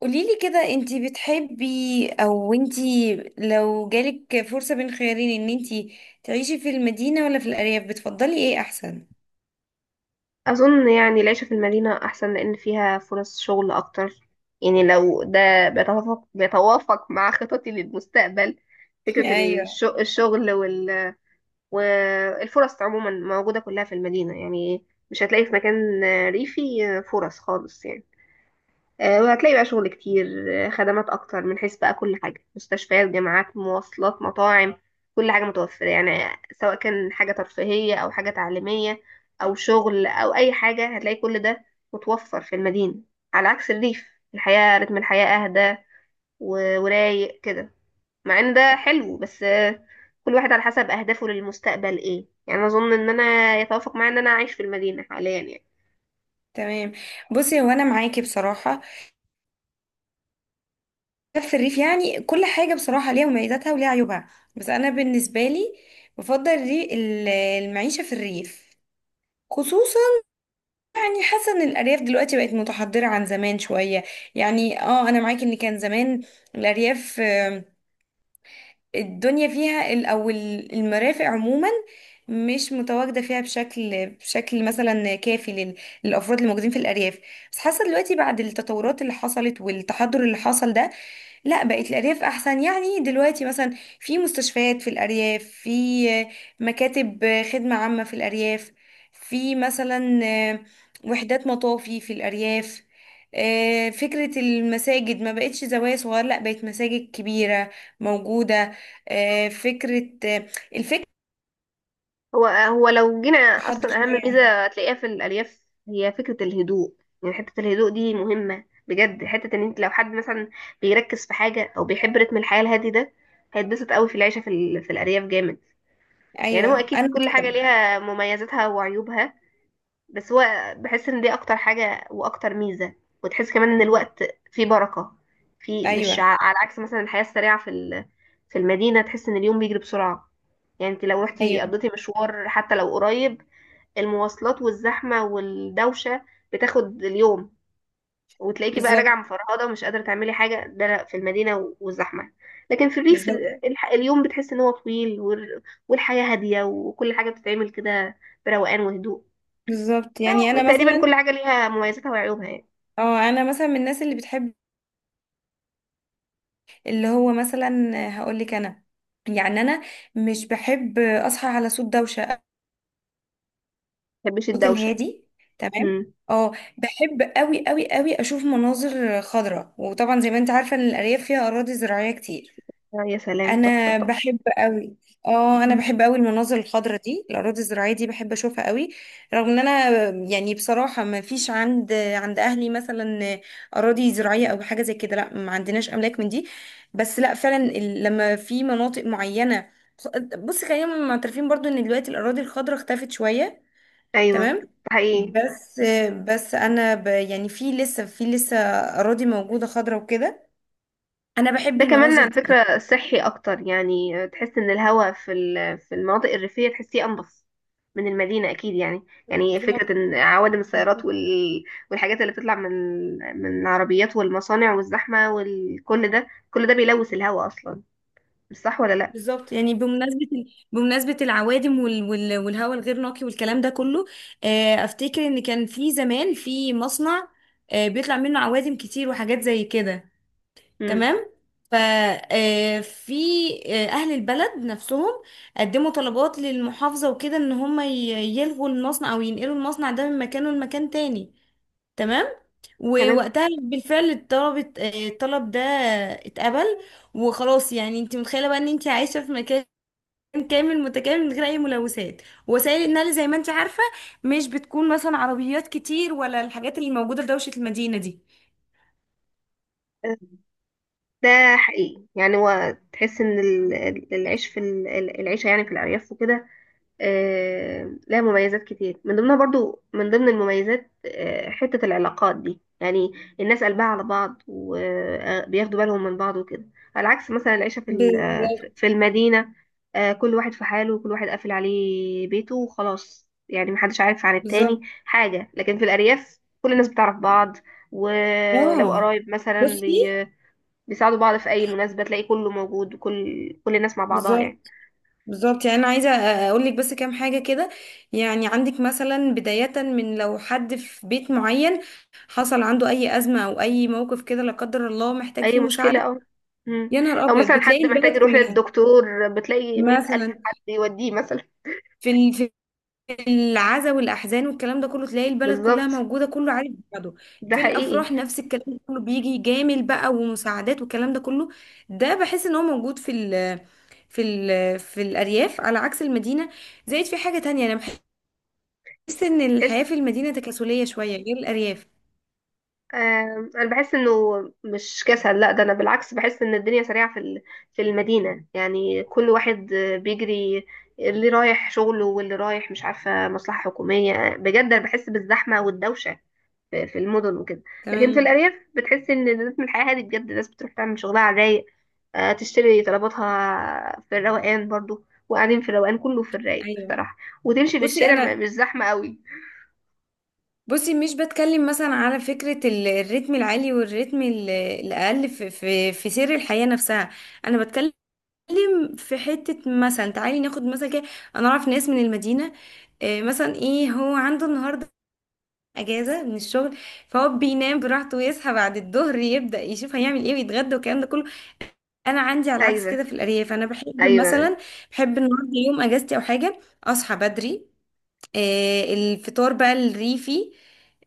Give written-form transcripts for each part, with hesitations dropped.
قوليلي كده، انتي بتحبي او انتي لو جالك فرصة بين خيارين ان انتي تعيشي في المدينة ولا في الأرياف، بتفضلي ايه احسن؟ أظن يعني العيشة في المدينة أحسن لأن فيها فرص شغل أكتر. يعني لو ده بيتوافق مع خططي للمستقبل، فكرة ايوه. الشغل والفرص عموما موجودة كلها في المدينة. يعني مش هتلاقي في مكان ريفي فرص خالص يعني. وهتلاقي بقى شغل كتير، خدمات اكتر، من حيث بقى كل حاجه: مستشفيات، جامعات، مواصلات، مطاعم. كل حاجه متوفره يعني، سواء كان حاجه ترفيهيه او حاجه تعليميه او شغل او اي حاجه، هتلاقي كل ده متوفر في المدينه. على عكس الريف، الحياه رتم الحياه اهدى ورايق كده. مع ان ده حلو بس، كل واحد على حسب اهدافه للمستقبل ايه يعني. اظن ان انا يتوافق معايا ان انا اعيش في المدينه حاليا يعني. تمام. بصي، هو انا معاكي بصراحة، في الريف يعني كل حاجة بصراحة ليها مميزاتها وليها عيوبها، بس انا بالنسبة لي بفضل المعيشة في الريف، خصوصا يعني حاسه ان الارياف دلوقتي بقت متحضره عن زمان شويه. يعني اه انا معاكي ان كان زمان الارياف، الدنيا فيها المرافق عموما مش متواجده فيها بشكل مثلا كافي للافراد الموجودين في الارياف. بس حاسه دلوقتي بعد التطورات اللي حصلت والتحضر اللي حصل ده، لا بقت الأرياف أحسن. يعني دلوقتي مثلا في مستشفيات في الأرياف، في مكاتب خدمة عامة في الأرياف، في مثلا وحدات مطافي في الأرياف. فكرة المساجد ما بقتش زوايا صغيرة، لا بقت مساجد كبيرة موجودة. آه، فكرة الفكرة هو لو جينا تحضر اصلا، اهم شوية. ميزه هتلاقيها في الالياف هي فكره الهدوء. يعني حته الهدوء دي مهمه بجد، حته ان انت لو حد مثلا بيركز في حاجه او بيحب رتم الحياه الهادي ده، هيتبسط قوي في العيشه في الارياف جامد. يعني هو أيوة اكيد أنا كل حاجه كده. ليها مميزاتها وعيوبها، بس هو بحس ان دي اكتر حاجة واكتر ميزة. وتحس كمان ان الوقت فيه بركة، في مش أيوة. على عكس مثلا الحياة السريعة في المدينة. تحس ان اليوم بيجري بسرعة. يعني انت لو رحتي أيوة. قضيتي مشوار حتى لو قريب، المواصلات والزحمة والدوشة بتاخد اليوم، وتلاقيكي بقى بالظبط. راجعة مفرهدة ومش قادرة تعملي حاجة. ده لا، في المدينة والزحمة. لكن في الريف بالظبط. اليوم بتحس ان هو طويل والحياة هادية وكل حاجة بتتعمل كده بروقان وهدوء. بالظبط يعني أيوة، أنا تقريبا كل مثلا، حاجة ليها مميزاتها وعيوبها يعني. اه أنا مثلا من الناس اللي بتحب، اللي هو مثلا، هقول لك انا يعني انا مش بحب اصحى على صوت دوشه، ما بحبش صوت الدوشة. الهادي. تمام. امم اه بحب قوي قوي قوي اشوف مناظر خضراء، وطبعا زي ما انت عارفه ان الارياف فيها اراضي زراعيه كتير. يا سلام، تحفة انا تحفة. بحب قوي. اه انا مم. بحب قوي المناظر الخضراء دي، الاراضي الزراعيه دي بحب اشوفها قوي، رغم ان انا يعني بصراحه ما فيش عند اهلي مثلا اراضي زراعيه او حاجه زي كده. لا، ما عندناش املاك من دي، بس لا فعلا لما في مناطق معينه. بص، خلينا معترفين برضو ان دلوقتي الاراضي الخضراء اختفت شويه. أيوة، ده تمام. حقيقي. بس مم. بس انا يعني في لسه اراضي موجوده خضراء وكده. انا بحب ده كمان على المناظر فكرة صحي أكتر يعني. تحس إن الهواء في المناطق الريفية تحسيه أنظف من المدينة أكيد يعني. يعني دي. فكرة إن عوادم السيارات والحاجات اللي بتطلع من العربيات والمصانع والزحمة وكل ده، كل ده بيلوث الهواء أصلا. مش صح ولا لأ؟ بالظبط يعني بمناسبة العوادم والهواء الغير نقي والكلام ده كله، أفتكر إن كان في زمان في مصنع، بيطلع منه عوادم كتير وحاجات زي كده. مم. تمام. ف آه، في آه، أهل البلد نفسهم قدموا طلبات للمحافظة وكده إن هم يلغوا المصنع أو ينقلوا المصنع ده من مكانه لمكان تاني. تمام. تمام. ووقتها بالفعل الطلب ده اتقبل. وخلاص، يعني انت متخيله بقى ان انت عايشه في مكان كامل متكامل من غير اي ملوثات، وسائل النقل زي ما انت عارفه مش بتكون مثلا عربيات كتير، ولا الحاجات اللي موجوده في دوشه المدينه دي. ده حقيقي يعني، هو تحس ان العيش العيشه يعني في الارياف وكده لها مميزات كتير. من ضمنها، برضو من ضمن المميزات، حته العلاقات دي يعني. الناس قلبها على بعض، وبياخدوا بالهم من بعض وكده، على عكس مثلا العيشه في ال- آه، في بالظبط. في المدينه. كل واحد في حاله، وكل واحد قافل عليه بيته وخلاص يعني. محدش عارف عن التاني بالظبط. حاجه، لكن في الارياف كل الناس بتعرف بعض. ولو اه. قرايب مثلا، بصي. بيساعدوا بعض في اي مناسبه، تلاقي كله موجود وكل الناس مع بعضها يعني. بالظبط. بالظبط يعني انا عايزه اقول لك بس كام حاجه كده. يعني عندك مثلا بدايه من لو حد في بيت معين حصل عنده اي ازمه او اي موقف كده، لا قدر الله، محتاج فيه اي مشكله مساعده، او... مم. يا نهار او ابيض مثلا حد بتلاقي البلد محتاج يروح كلها. للدكتور، بتلاقي مئة الف مثلا حد يوديه مثلا. في العزا والاحزان والكلام ده كله، تلاقي البلد كلها بالظبط. موجوده، كله عارف بعضه. ده في حقيقي. الافراح نفس الكلام ده كله، بيجي جامل بقى ومساعدات والكلام ده كله، ده بحس ان هو موجود في الارياف على عكس المدينه. زائد في حاجه تانية، انا بحس ان تحس. الحياه في المدينه تكاسليه شويه غير الارياف. انا بحس انه مش كسل. لا ده انا بالعكس بحس ان الدنيا سريعه في المدينه. يعني كل واحد بيجري، اللي رايح شغله واللي رايح مش عارفه مصلحه حكوميه بجد. انا بحس بالزحمه والدوشه في المدن وكده. لكن في تمام. الأرياف بتحس إن رتم الحياة هادي بجد، الناس بتروح تعمل شغلها على الرايق. تشتري طلباتها في الروقان، برضو وقاعدين في الروقان، كله في الرايق ايوه. بصراحة. وتمشي في بصي الشارع انا مش زحمة قوي. بصي مش بتكلم مثلا على الريتم العالي الاقل في سير الحياه نفسها. انا بتتكلم في حتة مثلا، تعالي ناخد مثلا كده. انا اعرف ناس من المدينة، مثلا ايه هو عنده النهاردة اجازة من الشغل، فهو بينام براحته ويصحى بعد الظهر، يبدأ يشوف هيعمل ايه ويتغدى والكلام ده كله. انا عندي على العكس كده، أيوة. في الارياف انا بحب أيوة. مثلا، بحب النهارده يوم اجازتي او حاجة اصحى بدري. الفطار بقى الريفي،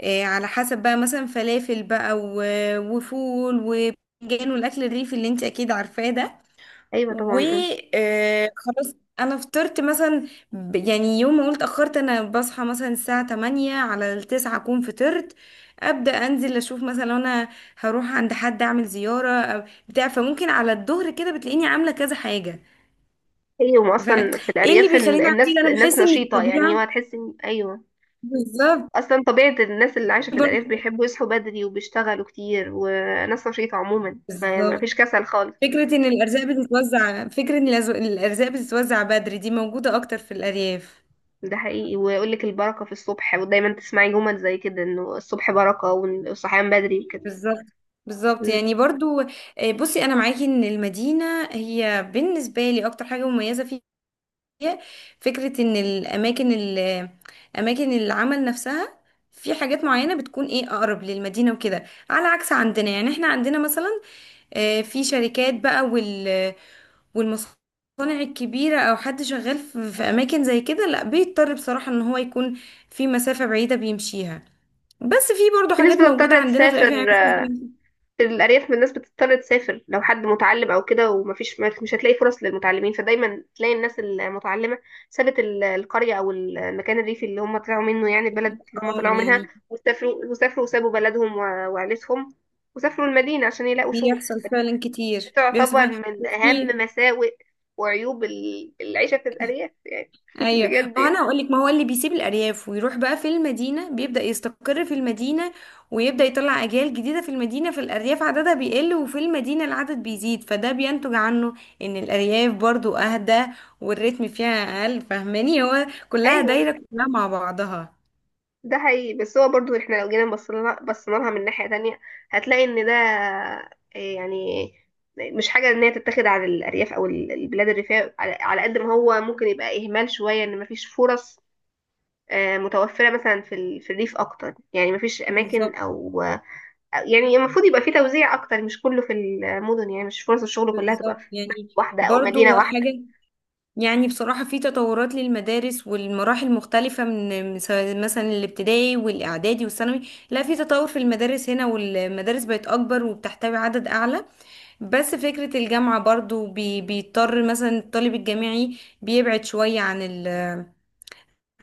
على حسب بقى مثلا فلافل بقى وفول وباذنجان والاكل الريفي اللي انت اكيد عارفاه ده. أيوة، طبعا آه. وخلاص، انا فطرت مثلا يعني يوم ما قلت اتاخرت انا بصحى مثلا الساعه 8 على التسعة اكون فطرت. ابدا انزل اشوف مثلا لو انا هروح عند حد اعمل زياره أو بتاع، فممكن على الظهر كده بتلاقيني عامله كذا حاجه. أيوة فايه أصلا في اللي الأرياف، ال- بيخليني اعمل الناس كده؟ انا الناس بحس ان نشيطة يعني. ما الطبيعه. تحس إن... أيوة. بالظبط. أصلا طبيعة الناس اللي عايشة في الأرياف برضه- بيحبوا يصحوا بدري وبيشتغلوا كتير، وناس نشيطة عموما. ما فيش بالظبط كسل خالص. فكره ان الارزاق بتتوزع، فكره ان الارزاق بتتوزع بدري دي موجوده اكتر في الارياف. ده حقيقي. ويقول لك البركة في الصبح، ودايما تسمعي جمل زي كده، انه الصبح بركة والصحيان بدري وكده. بالظبط. بالظبط مم. يعني برضو. بصي انا معاكي ان المدينه هي بالنسبه لي اكتر حاجه مميزه فيها فكره ان اماكن العمل نفسها، في حاجات معينه بتكون ايه اقرب للمدينه وكده، على عكس عندنا، يعني احنا عندنا مثلا، في شركات بقى والمصانع الكبيره او حد شغال في اماكن زي كده، لا بيضطر بصراحه ان هو يكون في مسافه بعيده بيمشيها. بس في برضو في ناس حاجات موجوده بتضطر عندنا في الافياء يعني تسافر. مثلا. في الأرياف من الناس بتضطر تسافر. لو حد متعلم أو كده ومفيش، مش هتلاقي فرص للمتعلمين، فدايما تلاقي الناس المتعلمة سابت القرية أو المكان الريفي اللي هم طلعوا منه، يعني البلد اللي هم اه طلعوا منها. يعني وسافروا وسابوا بلدهم وعيلتهم، وسافروا المدينة عشان يلاقوا شغل. بيحصل فعلا كتير، بيحصل تعتبر فعلا، من أهم وفي. مساوئ وعيوب العيشة في الأرياف يعني. ايوه. بجد يعني. وانا هقول لك، ما هو اللي بيسيب الارياف ويروح بقى في المدينه بيبدا يستقر في المدينه ويبدا يطلع اجيال جديده في المدينه، في الارياف عددها بيقل وفي المدينه العدد بيزيد، فده بينتج عنه ان الارياف برضو اهدى، والريتم فيها اقل. فاهماني، هو كلها أيوه، دايره كلها مع بعضها. ده حقيقي. بس هو برضو احنا لو جينا بصينا لها من ناحية تانية، هتلاقي ان ده إيه يعني. مش حاجة ان هي تتاخد على الأرياف أو البلاد الريفية، على على قد ما هو ممكن يبقى إهمال شوية ان مفيش فرص متوفرة مثلا في الريف أكتر. يعني مفيش أماكن، بالظبط. يعني المفروض يبقى في توزيع أكتر، مش كله في المدن. يعني مش فرص الشغل كلها تبقى بالظبط في يعني واحدة أو مدينة برضو واحدة. حاجه، يعني بصراحة في تطورات للمدارس والمراحل مختلفة من سواء مثلا الابتدائي والإعدادي والثانوي. لا، في تطور في المدارس هنا، والمدارس بقت أكبر وبتحتوي عدد أعلى. بس فكرة الجامعة برضو بيضطر مثلا الطالب الجامعي بيبعد شوية عن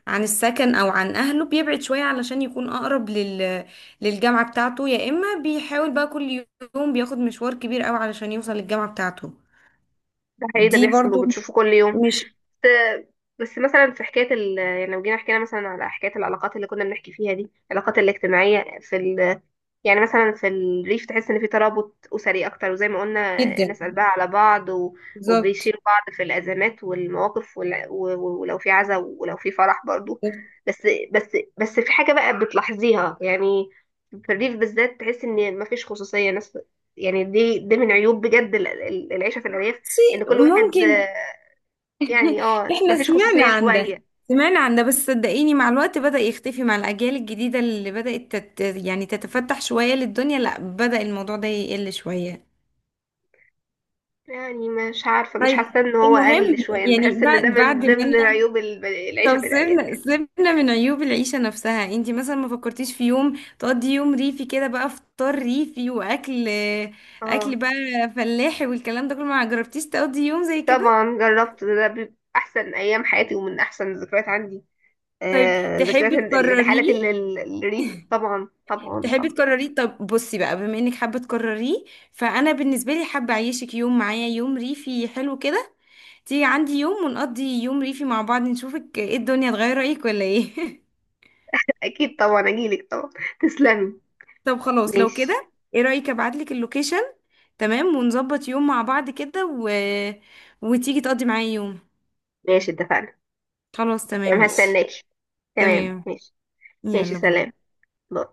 عن السكن أو عن أهله، بيبعد شوية علشان يكون أقرب للجامعة بتاعته، يا إما بيحاول بقى كل يوم بياخد مشوار كبير أوي علشان يوصل للجامعة بتاعته. ده حقيقي، ده دي بيحصل برضو. وبتشوفه كل يوم. مش. بس مثلا في حكايه يعني لو جينا حكينا مثلا على حكايه العلاقات اللي كنا بنحكي فيها دي، العلاقات الاجتماعيه في يعني مثلا في الريف تحس ان في ترابط اسري اكتر، وزي ما قلنا جدا. الناس قلبها على بعض بالظبط. وبيشيلوا بعض في الازمات والمواقف ولو في عزا ولو في فرح برضو. بس. بس في حاجه بقى بتلاحظيها يعني. في الريف بالذات تحس ان مفيش خصوصيه ناس. يعني دي من عيوب بجد العيشه في الارياف، ان شيء كل واحد... ممكن. يعني احنا مفيش سمعنا خصوصية عن ده، شوية. سمعنا عن ده، بس صدقيني مع الوقت بدأ يختفي مع الأجيال الجديدة اللي بدأت يعني تتفتح شوية للدنيا، لا بدأ الموضوع ده يقل شوية. يعني مش عارفة، مش طيب. حاسة ان هو المهم، قل شوية. انا يعني بحس ان بعد ده من بعد ما ضمن انا، عيوب طب العيشة في الأرياف سيبنا يعني. سيبنا من عيوب العيشة نفسها، انتي مثلا ما فكرتيش في يوم تقضي يوم ريفي كده، بقى فطار ريفي وأكل، اه، أكل بقى فلاحي والكلام ده كله، ما جربتيش تقضي يوم زي كده؟ طبعا جربت. ده بيبقى احسن ايام حياتي ومن احسن الذكريات عندي. طيب ذكريات تحبي الرحلات تكرريه؟ الريف. طبعا طبعا طبعا. طب بصي بقى بما انك حابه تكرريه، فانا بالنسبه لي حابه اعيشك يوم معايا، يوم ريفي حلو كده، تيجي عندي يوم ونقضي يوم ريفي مع بعض، نشوفك ايه الدنيا تغير رايك ولا ايه. اكيد، طبعا اجيلك طبعا. تسلمي. طب خلاص، لو ماشي. كده ايه رايك ابعتلك اللوكيشن. تمام، ونظبط يوم مع بعض كده وتيجي تقضي معايا يوم. ماشي اتفقنا. خلاص تمام تمام، ماشي. هستناكي. تمام تمام. ماشي. ماشي يلا سلام. باي. باي.